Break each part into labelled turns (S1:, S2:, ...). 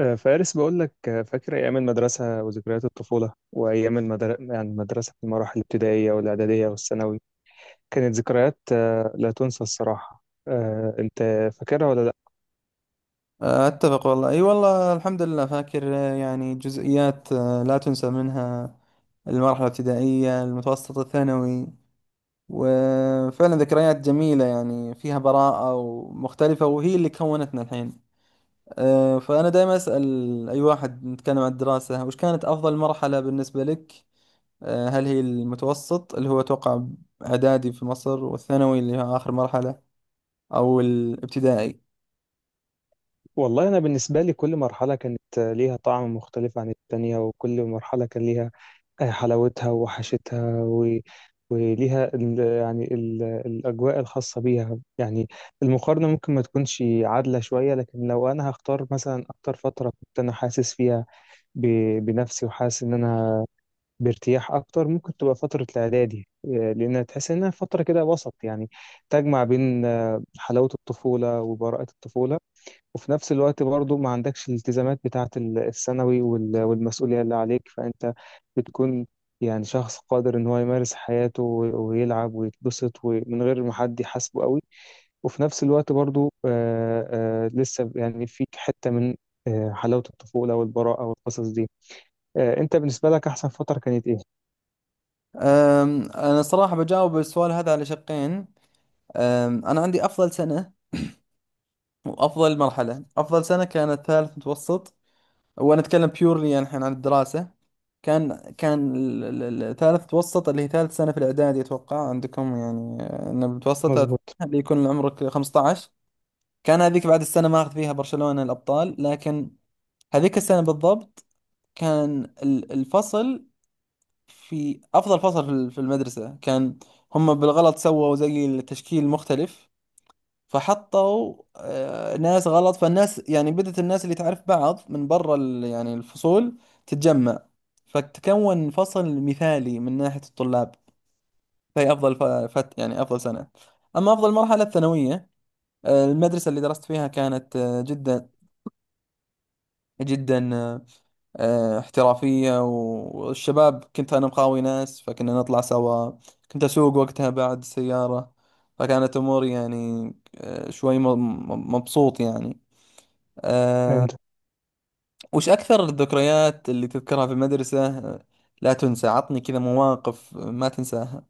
S1: فارس بقول لك، فاكر أيام المدرسة وذكريات الطفولة وأيام المدرسة في المراحل الابتدائية والإعدادية والثانوي، كانت ذكريات لا تنسى الصراحة. أنت فاكرها ولا لأ؟
S2: أتفق والله، أي والله، الحمد لله فاكر، يعني جزئيات لا تنسى منها. المرحلة الابتدائية، المتوسط، الثانوي. وفعلا ذكريات جميلة يعني، فيها براءة ومختلفة، وهي اللي كونتنا الحين. فأنا دائما أسأل أي واحد نتكلم عن الدراسة، وش كانت أفضل مرحلة بالنسبة لك؟ هل هي المتوسط اللي هو أتوقع إعدادي في مصر، والثانوي اللي هي آخر مرحلة، أو الابتدائي؟
S1: والله أنا بالنسبة لي كل مرحلة كانت ليها طعم مختلف عن التانية، وكل مرحلة كان ليها حلاوتها ووحشتها، و... وليها ال... يعني ال... الأجواء الخاصة بيها يعني. المقارنة ممكن ما تكونش عادلة شوية، لكن لو أنا هختار مثلا أكتر فترة كنت أنا حاسس فيها بنفسي وحاسس ان انا بارتياح اكتر، ممكن تبقى فتره الاعدادي، لانها تحس انها فتره كده وسط، يعني تجمع بين حلاوه الطفوله وبراءه الطفوله، وفي نفس الوقت برضو ما عندكش الالتزامات بتاعه الثانوي وال- والمسؤوليه اللي عليك. فانت بتكون يعني شخص قادر ان هو يمارس حياته ويلعب ويتبسط ومن غير ما حد يحاسبه قوي، وفي نفس الوقت برضو لسه يعني فيك حته من حلاوه الطفوله والبراءه والقصص دي. انت بالنسبه لك احسن فتره كانت ايه؟
S2: أنا صراحة بجاوب السؤال هذا على شقين. أنا عندي أفضل سنة وأفضل مرحلة. أفضل سنة كانت ثالث متوسط، وأنا أتكلم بيورلي يعني الحين عن الدراسة. كان ثالث متوسط اللي هي ثالث سنة في الإعدادي أتوقع عندكم، يعني إن المتوسط هذا
S1: مظبوط.
S2: اللي يكون عمرك 15. كان هذيك بعد السنة ما أخذ فيها برشلونة الأبطال، لكن هذيك السنة بالضبط كان الفصل في أفضل فصل في المدرسة. كان هم بالغلط سووا زي التشكيل مختلف، فحطوا ناس غلط، فالناس يعني بدأت الناس اللي تعرف بعض من برا يعني الفصول تتجمع، فتكون فصل مثالي من ناحية الطلاب. فهي أفضل ف- فت يعني أفضل سنة. أما أفضل مرحلة الثانوية، المدرسة اللي درست فيها كانت جدا جدا احترافية، والشباب كنت أنا مقاوي ناس، فكنا نطلع سوا. كنت أسوق وقتها بعد السيارة، فكانت أموري يعني شوي مبسوط يعني. أه.
S1: فهمت.
S2: وش أكثر الذكريات اللي تذكرها في المدرسة لا تنسى؟ عطني كذا مواقف ما تنساها.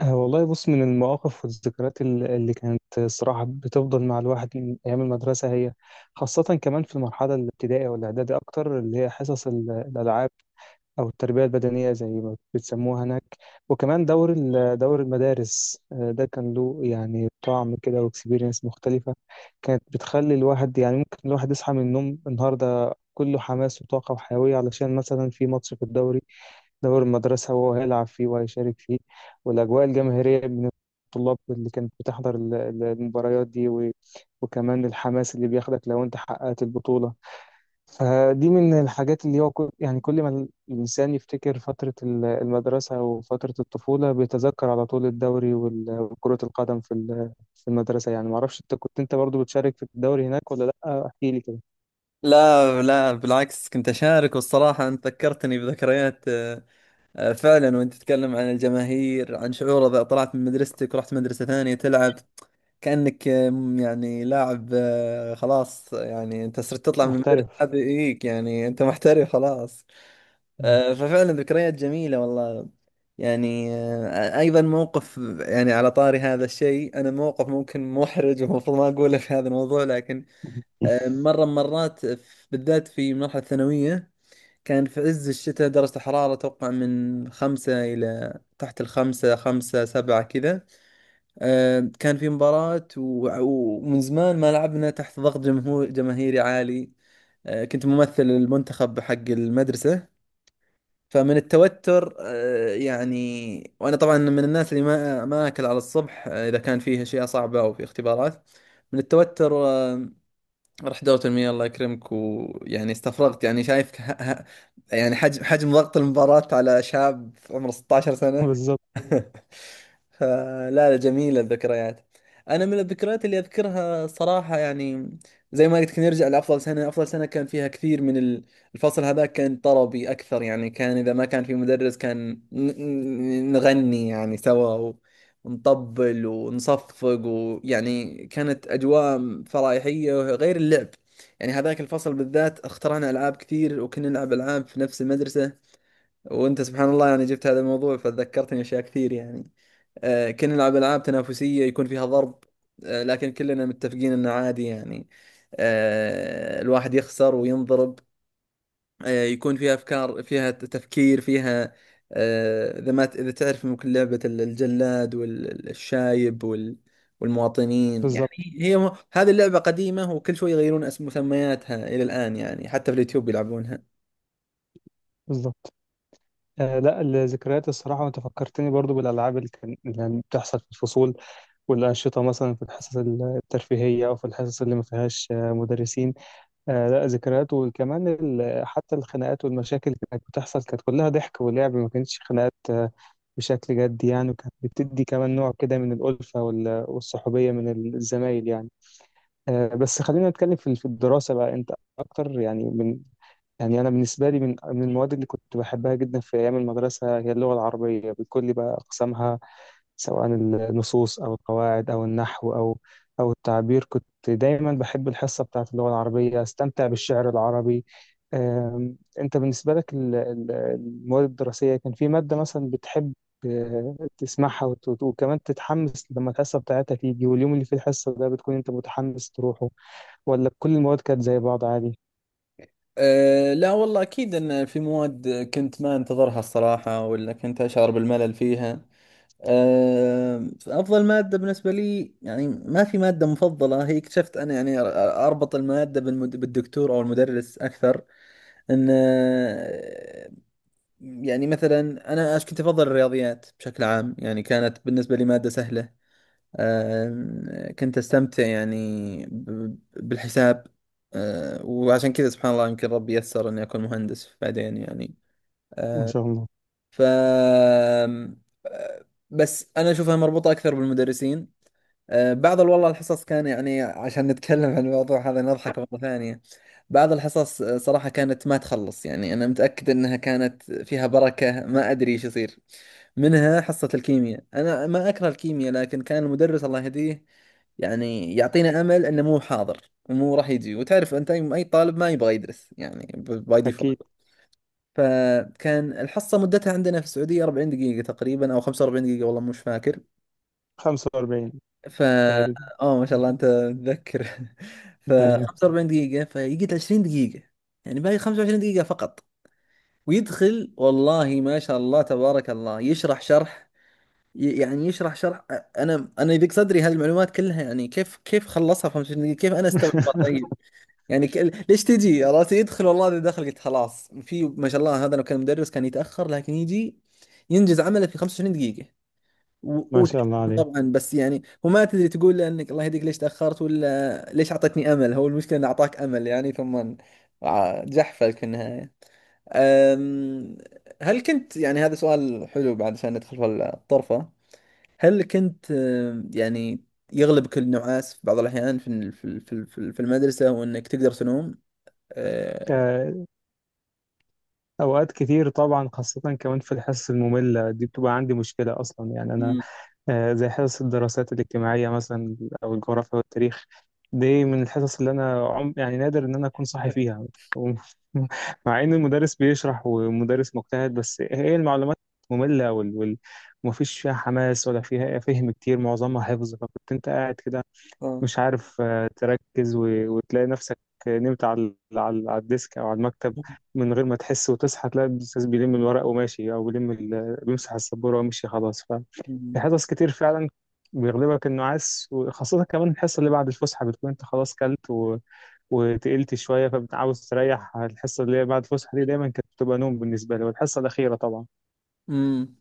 S1: والله بص، من المواقف والذكريات اللي كانت الصراحه بتفضل مع الواحد من ايام المدرسه، هي خاصه كمان في المرحله الابتدائيه والاعدادي اكتر، اللي هي حصص الالعاب او التربيه البدنيه زي ما بتسموها هناك. وكمان دور دور المدارس، ده كان له يعني طعم كده واكسبيرينس مختلفه، كانت بتخلي الواحد يعني ممكن الواحد يصحى من النوم النهارده كله حماس وطاقه وحيويه، علشان مثلا في ماتش في الدوري، دور المدرسة، وهو هيلعب فيه وهيشارك فيه، والأجواء الجماهيرية من الطلاب اللي كانت بتحضر المباريات دي، و... وكمان الحماس اللي بياخدك لو أنت حققت البطولة. فدي من الحاجات اللي هو كل... يعني كل ما الإنسان يفتكر فترة المدرسة وفترة الطفولة، بيتذكر على طول الدوري وال- وكرة القدم في المدرسة. يعني معرفش أنت كنت أنت برضو بتشارك في الدوري هناك ولا لأ، احكي لي كده.
S2: لا لا، بالعكس كنت أشارك، والصراحة أنت ذكرتني بذكريات فعلا. وأنت تتكلم عن الجماهير، عن شعور إذا طلعت من مدرستك ورحت مدرسة ثانية تلعب، كأنك يعني لاعب خلاص، يعني أنت صرت تطلع من المدرسة
S1: محترف.
S2: هذه إيك، يعني أنت محترف خلاص.
S1: مم.
S2: ففعلا ذكريات جميلة والله. يعني أيضا موقف، يعني على طاري هذا الشيء، أنا موقف ممكن محرج ومفروض ما أقوله في هذا الموضوع، لكن مرة من مرات بالذات في مرحلة الثانوية، كان في عز الشتاء درجة الحرارة توقع من خمسة إلى تحت الخمسة، خمسة سبعة كذا. كان في مباراة، ومن زمان ما لعبنا تحت ضغط جمهور جماهيري عالي. كنت ممثل المنتخب حق المدرسة. فمن التوتر يعني، وانا طبعا من الناس اللي ما اكل على الصبح اذا كان فيه اشياء صعبه او في اختبارات. من التوتر رحت دورة المياه الله يكرمك، ويعني استفرغت، يعني شايف يعني حجم ضغط المباراة على شاب عمره 16 سنة.
S1: بالظبط.
S2: فلا لا، جميلة الذكريات. أنا من الذكريات اللي أذكرها صراحة يعني، زي ما قلت لك، نرجع لأفضل سنة. أفضل سنة كان فيها كثير من الفصل هذا كان طربي أكثر، يعني كان إذا ما كان في مدرس كان نغني يعني سوا، نطبل ونصفق، ويعني كانت أجواء فرايحية غير اللعب. يعني هذاك الفصل بالذات اخترعنا ألعاب كثير، وكنا نلعب ألعاب في نفس المدرسة. وأنت سبحان الله يعني جبت هذا الموضوع فذكرتني أشياء كثير يعني. كنا نلعب ألعاب تنافسية يكون فيها ضرب، لكن كلنا متفقين أنه عادي يعني، الواحد يخسر وينضرب. يكون فيها افكار، فيها تفكير، فيها اذا ما اذا تعرف، ممكن لعبة الجلاد والشايب والمواطنين يعني.
S1: بالظبط.
S2: هذه اللعبة قديمة، وكل شوي يغيرون اسم مسمياتها الى الان، يعني حتى في اليوتيوب يلعبونها.
S1: بالظبط. آه لا، الذكريات الصراحة، وأنت فكرتني برضو بالألعاب اللي كانت بتحصل في الفصول والأنشطة، مثلا في الحصص الترفيهية أو في الحصص اللي ما فيهاش مدرسين. آه لا، ذكريات. وكمان حتى الخناقات والمشاكل اللي كانت بتحصل كانت كلها ضحك ولعب، ما كانتش خناقات بشكل جدي يعني، وكانت بتدي كمان نوع كده من الألفة وال- والصحوبية من الزمايل يعني. بس خلينا نتكلم في الدراسة بقى، أنت أكتر يعني. يعني أنا بالنسبة لي، من المواد اللي كنت بحبها جدا في أيام المدرسة هي اللغة العربية بكل بقى أقسامها، سواء النصوص أو القواعد أو النحو أو أو التعبير. كنت دايما بحب الحصة بتاعة اللغة العربية، أستمتع بالشعر العربي. أنت بالنسبة لك المواد الدراسية، كان في مادة مثلا بتحب تسمعها وكمان تتحمس لما الحصة بتاعتها تيجي، واليوم اللي فيه الحصة ده بتكون أنت متحمس تروحه، ولا كل المواد كانت زي بعض عادي؟
S2: أه لا والله، أكيد أن في مواد كنت ما أنتظرها الصراحة، ولا كنت أشعر بالملل فيها. أه، أفضل مادة بالنسبة لي، يعني ما في مادة مفضلة هي، اكتشفت أنا يعني أربط المادة بالدكتور أو المدرس أكثر. ان يعني مثلا، كنت افضل الرياضيات بشكل عام، يعني كانت بالنسبه لي ماده سهله. كنت استمتع يعني بالحساب. وعشان كذا سبحان الله، يمكن ربي يسر اني اكون مهندس بعدين يعني.
S1: ما
S2: آه،
S1: شاء الله.
S2: ف آم، آه، بس انا اشوفها مربوطه اكثر بالمدرسين. بعض والله الحصص كان، يعني عشان نتكلم عن الموضوع هذا نضحك مرة ثانية، بعض الحصص صراحة كانت ما تخلص، يعني أنا متأكد أنها كانت فيها بركة، ما أدري إيش يصير. منها حصة الكيمياء، أنا ما أكره الكيمياء، لكن كان المدرس الله يهديه يعني يعطينا أمل أنه مو حاضر ومو راح يجي، وتعرف أنت أي أي طالب ما يبغى يدرس يعني باي
S1: أكيد.
S2: ديفولت. فكان الحصة مدتها عندنا في السعودية 40 دقيقة تقريبا أو 45 دقيقة، والله مش فاكر.
S1: 45
S2: ف
S1: تقريبا.
S2: اه ما شاء الله انت متذكر. ف
S1: ايوه.
S2: 45 دقيقة، فيقعد 20 دقيقة، يعني باقي 25 دقيقة فقط. ويدخل والله ما شاء الله تبارك الله، يشرح شرح، يعني يشرح شرح. انا يضيق صدري هالمعلومات كلها، يعني كيف خلصها في 25 دقيقة؟ كيف انا استوعبها طيب؟ يعني ك... ليش تجي؟ عرفت يدخل، والله اذا دخل قلت خلاص، في ما شاء الله، هذا لو كان مدرس كان يتأخر، لكن يجي ينجز عمله في 25 دقيقة. و-
S1: ما
S2: وت-
S1: شاء الله عليك.
S2: طبعا بس يعني، وما تدري تقول له انك الله يهديك ليش تاخرت، ولا ليش اعطيتني امل؟ هو المشكله انه اعطاك امل يعني، ثم جحفلك في النهايه. أم، هل كنت يعني، هذا سؤال حلو بعد عشان ندخل في الطرفه، هل كنت يعني يغلبك النعاس في بعض الاحيان في المدرسه، وانك تقدر تنوم؟ أه،
S1: آه، اوقات كتير طبعا، خاصة كمان في الحصص المملة دي، بتبقى عندي مشكلة اصلا يعني انا.
S2: مم.
S1: زي حصص الدراسات الاجتماعية مثلا، او الجغرافيا والتاريخ، دي من الحصص اللي انا عم يعني نادر ان انا اكون صاحي فيها. مع ان المدرس بيشرح ومدرس مجتهد، بس هي المعلومات مملة ومفيش فيها حماس ولا فيها فهم كتير، معظمها حفظ، فكنت انت قاعد كده
S2: آه.
S1: مش عارف تركز، وتلاقي نفسك نمت على على الديسك او على المكتب من غير ما تحس، وتصحى تلاقي الاستاذ بيلم الورق وماشي، او بيمسح السبوره ومشي خلاص. ففي حصص كتير فعلا بيغلبك النعاس، وخاصة كمان الحصة اللي بعد الفسحة، بتكون انت خلاص كلت و... وتقلت شوية، فبتعاوز تريح. الحصة اللي هي بعد الفسحة دي دايما كانت بتبقى نوم بالنسبة لي، والحصة الأخيرة طبعا.
S2: مم.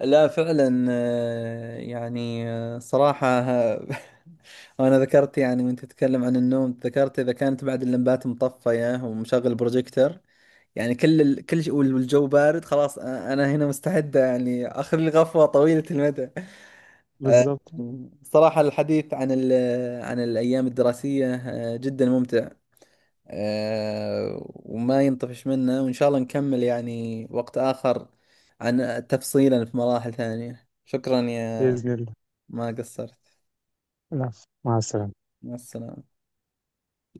S2: لا فعلا يعني صراحة وأنا ذكرت يعني، وأنت تتكلم عن النوم، ذكرت إذا كانت بعد اللمبات مطفية ومشغل بروجيكتر، يعني كل كل شيء والجو بارد، خلاص أنا، هنا مستعدة يعني آخذ لي غفوة طويلة المدى. آه،
S1: بالظبط.
S2: صراحة الحديث عن عن الأيام الدراسية جدا ممتع. وما ينطفش منه، وإن شاء الله نكمل يعني وقت آخر عن تفصيلا في مراحل ثانية. شكرا يا،
S1: بإذن الله.
S2: ما قصرت.
S1: العفو. مع السلامة.
S2: مع السلامة.